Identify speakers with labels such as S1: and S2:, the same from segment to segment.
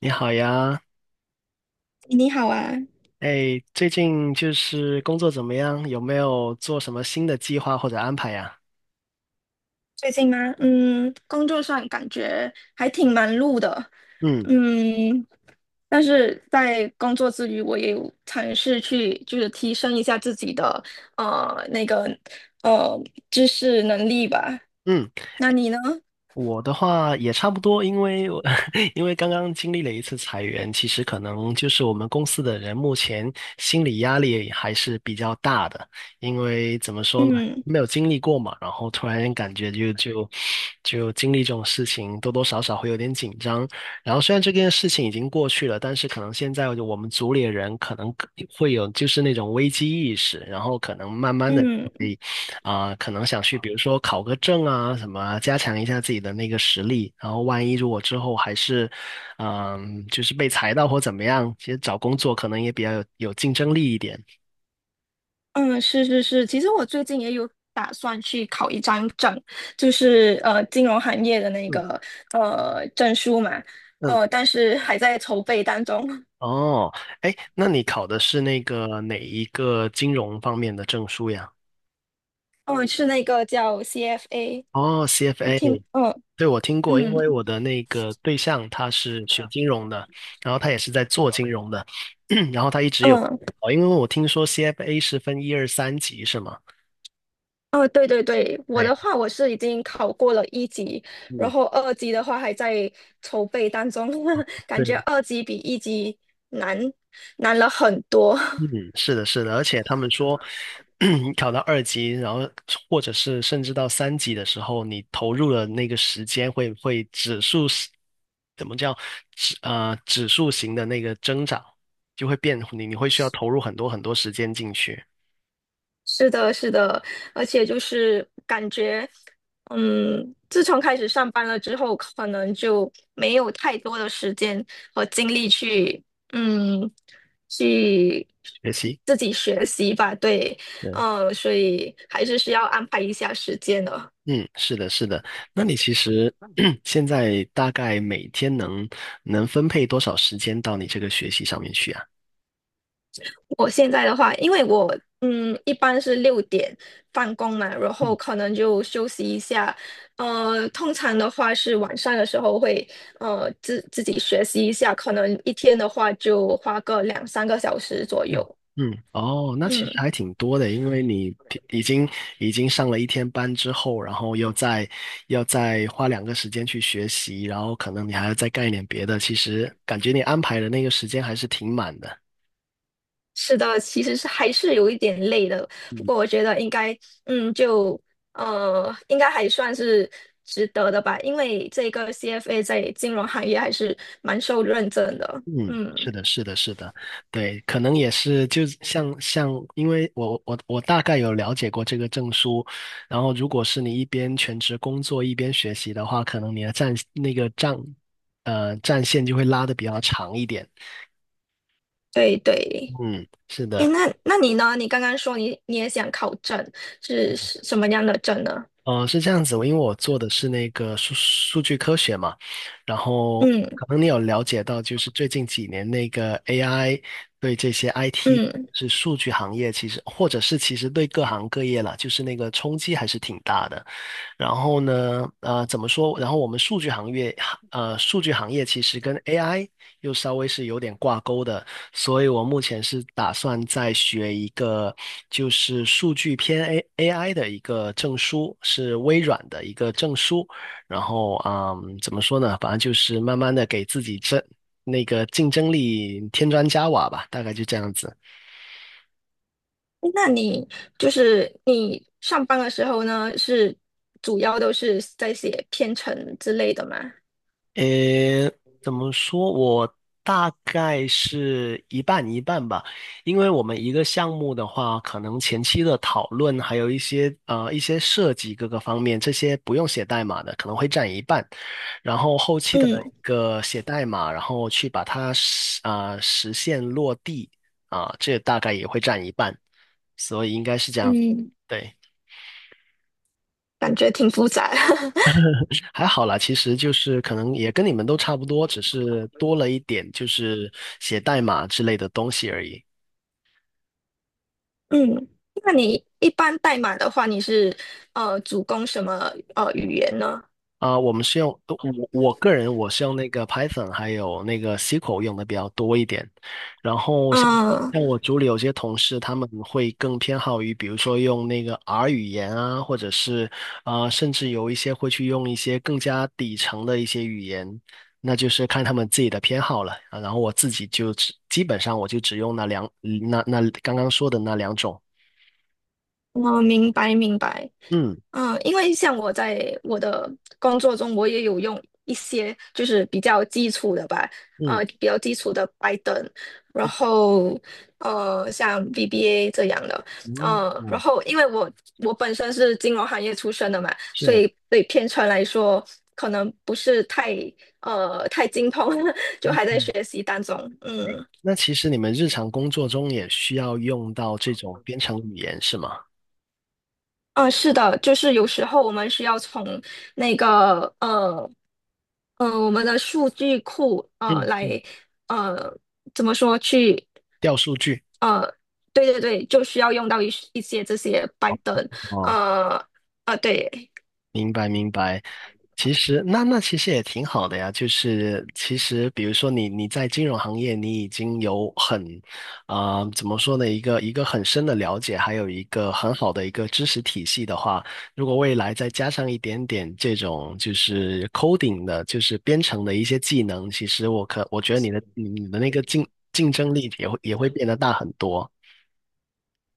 S1: 你好呀，
S2: 你好啊，
S1: 哎，最近就是工作怎么样？有没有做什么新的计划或者安排呀？
S2: 最近吗？嗯，工作上感觉还挺忙碌的。
S1: 嗯
S2: 嗯，但是在工作之余，我也有尝试去就是提升一下自己的那个呃知识能力吧。
S1: 嗯。
S2: 那你呢？
S1: 我的话也差不多，因为我 因为刚刚经历了一次裁员，其实可能就是我们公司的人目前心理压力还是比较大的，因为怎么说呢，
S2: 嗯
S1: 没有经历过嘛，然后突然间感觉就经历这种事情，多多少少会有点紧张。然后虽然这件事情已经过去了，但是可能现在我们组里的人可能会有就是那种危机意识，然后可能慢慢的。
S2: 嗯
S1: 可能想去，比如说考个证啊，什么啊加强一下自己的那个实力。然后，万一如果之后还是，就是被裁到或怎么样，其实找工作可能也比较有竞争力一点。
S2: 嗯，是是是，其实我最近也有打算去考一张证，就是金融行业的那
S1: 嗯
S2: 个证书嘛，
S1: 嗯，
S2: 但是还在筹备当中。
S1: 哦，哎，那你考的是那个哪一个金融方面的证书呀？
S2: 哦，是那个叫 CFA，
S1: 哦
S2: 你
S1: ，CFA，
S2: 听，嗯
S1: 对，我听过，因
S2: 嗯
S1: 为我的那个对象他是学金融的，然后他也是在做金融的，然后他一直有，
S2: 嗯，
S1: 哦，因为我听说 CFA 是分一二三级是吗？
S2: 哦，对对对，我
S1: 对。
S2: 的话我是已经考过了一级，然
S1: 嗯，
S2: 后二级的话还在筹备当中。感觉
S1: 对，
S2: 二级比一级难难了很多。
S1: 嗯，是的，是的，而且他们说，你考到二级，然后或者是甚至到三级的时候，你投入的那个时间会指数是怎么叫指数型的那个增长，就会你会需要投入很多很多时间进去
S2: 是的，是的，而且就是感觉，自从开始上班了之后，可能就没有太多的时间和精力嗯，去
S1: 学习。
S2: 自己学习吧。对，
S1: 对，
S2: 所以还是需要安排一下时间的。
S1: 嗯，是的，是的。那你其实 现在大概每天能分配多少时间到你这个学习上面去啊？
S2: 我现在的话，因为我一般是6点放工嘛，然后可能就休息一下。通常的话是晚上的时候会自己学习一下，可能一天的话就花个两三个小时左右。
S1: 嗯嗯，哦，那其实
S2: 嗯，
S1: 还挺多的，因为你平已经已经上了一天班之后，然后又再要再花两个时间去学习，然后可能你还要再干一点别的，其实感觉你安排的那个时间还是挺满的。
S2: 是的，其实是还是有一点累的，不
S1: 嗯
S2: 过我觉得嗯就应该还算是值得的吧，因为这个 CFA 在金融行业还是蛮受认证的。
S1: 嗯，是
S2: 嗯，
S1: 的，是的，是的，对，可能也是，就像，因为我大概有了解过这个证书，然后如果是你一边全职工作一边学习的话，可能你的战那个战呃战线就会拉的比较长一点。
S2: 对对。
S1: 嗯，是
S2: 诶，
S1: 的，
S2: 那你呢？你刚刚说你也想考证，是什么样的证呢？
S1: 呃，是这样子，因为我做的是那个数据科学嘛，然后
S2: 嗯
S1: 可能你有了解到，就是最近几年那个 AI 对这些 IT
S2: 嗯，
S1: 是数据行业，其实或者是其实对各行各业啦，就是那个冲击还是挺大的。然后呢，怎么说？然后我们数据行业其实跟 AI 又稍微是有点挂钩的，所以我目前是打算再学一个，就是数据偏 AI 的一个证书，是微软的一个证书。然后，嗯，怎么说呢？反正就是慢慢的给自己争那个竞争力添砖加瓦吧，大概就这样子。
S2: 诶那你就是你上班的时候呢，是主要都是在写编程之类的吗？
S1: 呃，怎么说？我大概是一半一半吧，因为我们一个项目的话，可能前期的讨论，还有一些设计各个方面，这些不用写代码的，可能会占一半，然后后期的一
S2: 嗯
S1: 个写代码，然后去把它实现落地这大概也会占一半，所以应该是这样子，
S2: 嗯，
S1: 对。
S2: 感觉挺复杂。
S1: 还好啦，其实就是可能也跟你们都差不多，只是多了一点就是写代码之类的东西而已。
S2: 嗯，那你一般代码的话，你是主攻什么语言呢？
S1: 啊、我们是用我个人是用那个 Python 还有那个 SQL 用的比较多一点，然后像
S2: 嗯
S1: 像我组里有些同事他们会更偏好于比如说用那个 R 语言啊，或者是甚至有一些会去用一些更加底层的一些语言，那就是看他们自己的偏好了啊。然后我自己基本上我就只用那刚刚说的那两种，
S2: 嗯，明白明白。
S1: 嗯
S2: 嗯，因为像我在我的工作中，我也有用一些就是比较基础的吧，
S1: 嗯
S2: 比较基础的 p y t h n, 然后像 VBA 这样的，
S1: 嗯，
S2: 然
S1: 嗯，
S2: 后因为我本身是金融行业出身的嘛，所
S1: 是。
S2: 以对编程来说可能不是太精通，就还在学习当中。嗯
S1: 那其实你们日常工作中也需要用到这种编程语言是吗？
S2: 嗯，是的，就是有时候我们需要从那个我们的数据库
S1: 嗯嗯，
S2: 来呃怎么说去
S1: 调数据。
S2: 呃对对对，就需要用到一些这些 p y
S1: 哦
S2: 呃对。
S1: 明白明白，其实那其实也挺好的呀。就是其实比如说你在金融行业，你已经有怎么说呢一个很深的了解，还有一个很好的一个知识体系的话，如果未来再加上一点点这种就是 coding 的，就是编程的一些技能，其实我觉得你的那个竞争力也会变得大很多。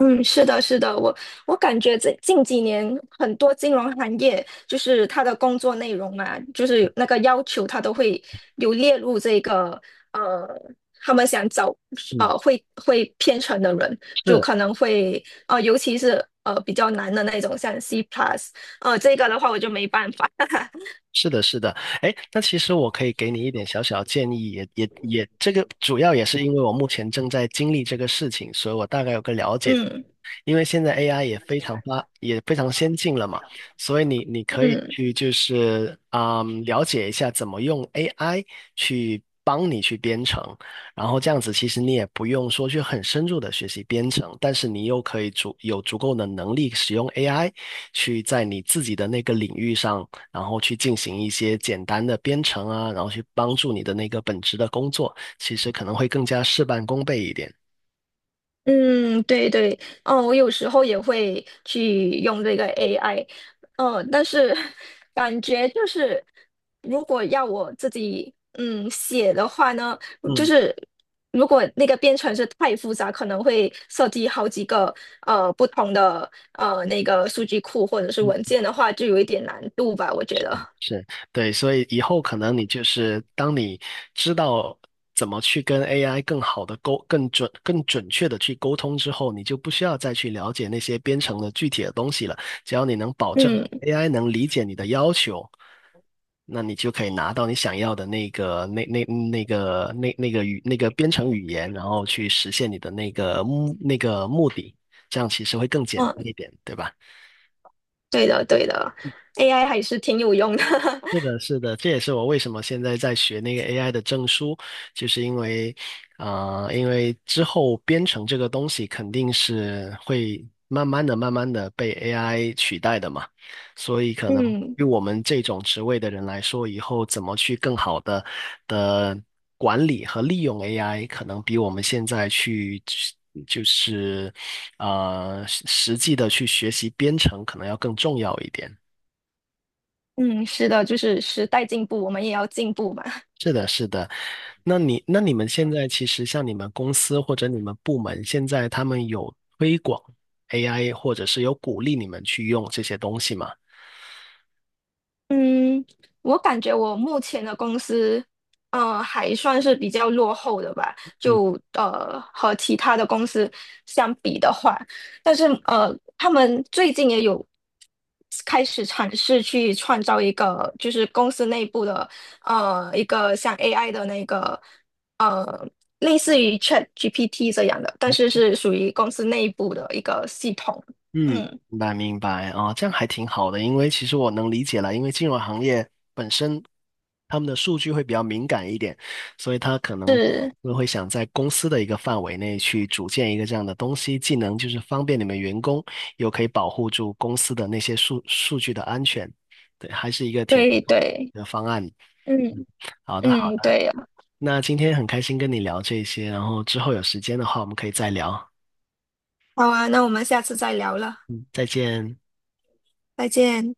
S2: 嗯，是的，是的，我感觉这近几年很多金融行业，就是他的工作内容啊，就是那个要求，他都会有列入这个呃，他们想找
S1: 嗯，
S2: 会编程的人，就
S1: 是。
S2: 可能会尤其是比较难的那种，像 C plus,这个的话我就没办法。
S1: 是的，是的，哎，那其实我可以给你一点小小的建议，也也也，这个主要也是因为我目前正在经历这个事情，所以我大概有个了解。
S2: 嗯
S1: 因为现在 AI 也非常先进了嘛，所以你可以
S2: 嗯。
S1: 去就是了解一下怎么用 AI 去帮你去编程，然后这样子其实你也不用说去很深入的学习编程，但是你又可以足够的能力使用 AI 去在你自己的那个领域上然后去进行一些简单的编程啊，然后去帮助你的那个本职的工作，其实可能会更加事半功倍一点。
S2: 嗯，对对，哦，我有时候也会去用这个 AI,嗯，哦但是 感觉就是，如果要我自己写的话呢，就
S1: 嗯
S2: 是如果那个编程是太复杂，可能会设计好几个不同的那个数据库或者是文件的话，就有一点难度吧，我觉得。
S1: 是，对，所以以后可能你就是当你知道怎么去跟 AI 更准确的去沟通之后，你就不需要再去了解那些编程的具体的东西了。只要你能保证
S2: 嗯
S1: AI 能理解你的要求，那你就可以拿到你想要的那个、那那那个、那那个语、那个编程语言，然后去实现你的那个目的。这样其实会更简单
S2: 嗯，
S1: 一点，对吧？
S2: 对的对的，AI 还是挺有用的，
S1: 是的，是的，这也是我为什么现在在学那个 AI 的证书，就是因为，啊，因为之后编程这个东西肯定是会慢慢的、慢慢的被 AI 取代的嘛，所以 可能
S2: 嗯。
S1: 对我们这种职位的人来说，以后怎么去更好的管理和利用 AI，可能比我们现在去就是实际的去学习编程，可能要更重要一点。
S2: 嗯，是的，就是时代进步，我们也要进步嘛。
S1: 那你们现在其实像你们公司或者你们部门，现在他们有推广 AI，或者是有鼓励你们去用这些东西吗？
S2: 嗯，我感觉我目前的公司，还算是比较落后的吧，
S1: 嗯
S2: 就和其他的公司相比的话，但是他们最近也有开始尝试去创造一个，就是公司内部的一个像 AI 的那个呃类似于 ChatGPT 这样的，但是是属于公司内部的一个系统。
S1: 嗯，
S2: 嗯。
S1: 明白明白啊，这样还挺好的，因为其实我能理解了，因为金融行业本身他们的数据会比较敏感一点，所以他可能
S2: 是，
S1: 会想在公司的一个范围内去组建一个这样的东西，既能就是方便你们员工，又可以保护住公司的那些数据的安全，对，还是一个挺不
S2: 对
S1: 错的
S2: 对，
S1: 一个方案。嗯，
S2: 嗯
S1: 好的好
S2: 嗯，
S1: 的，
S2: 对呀，
S1: 那今天很开心跟你聊这些，然后之后有时间的话我们可以再聊，
S2: 好啊，那我们下次再聊了，
S1: 再见。
S2: 再见。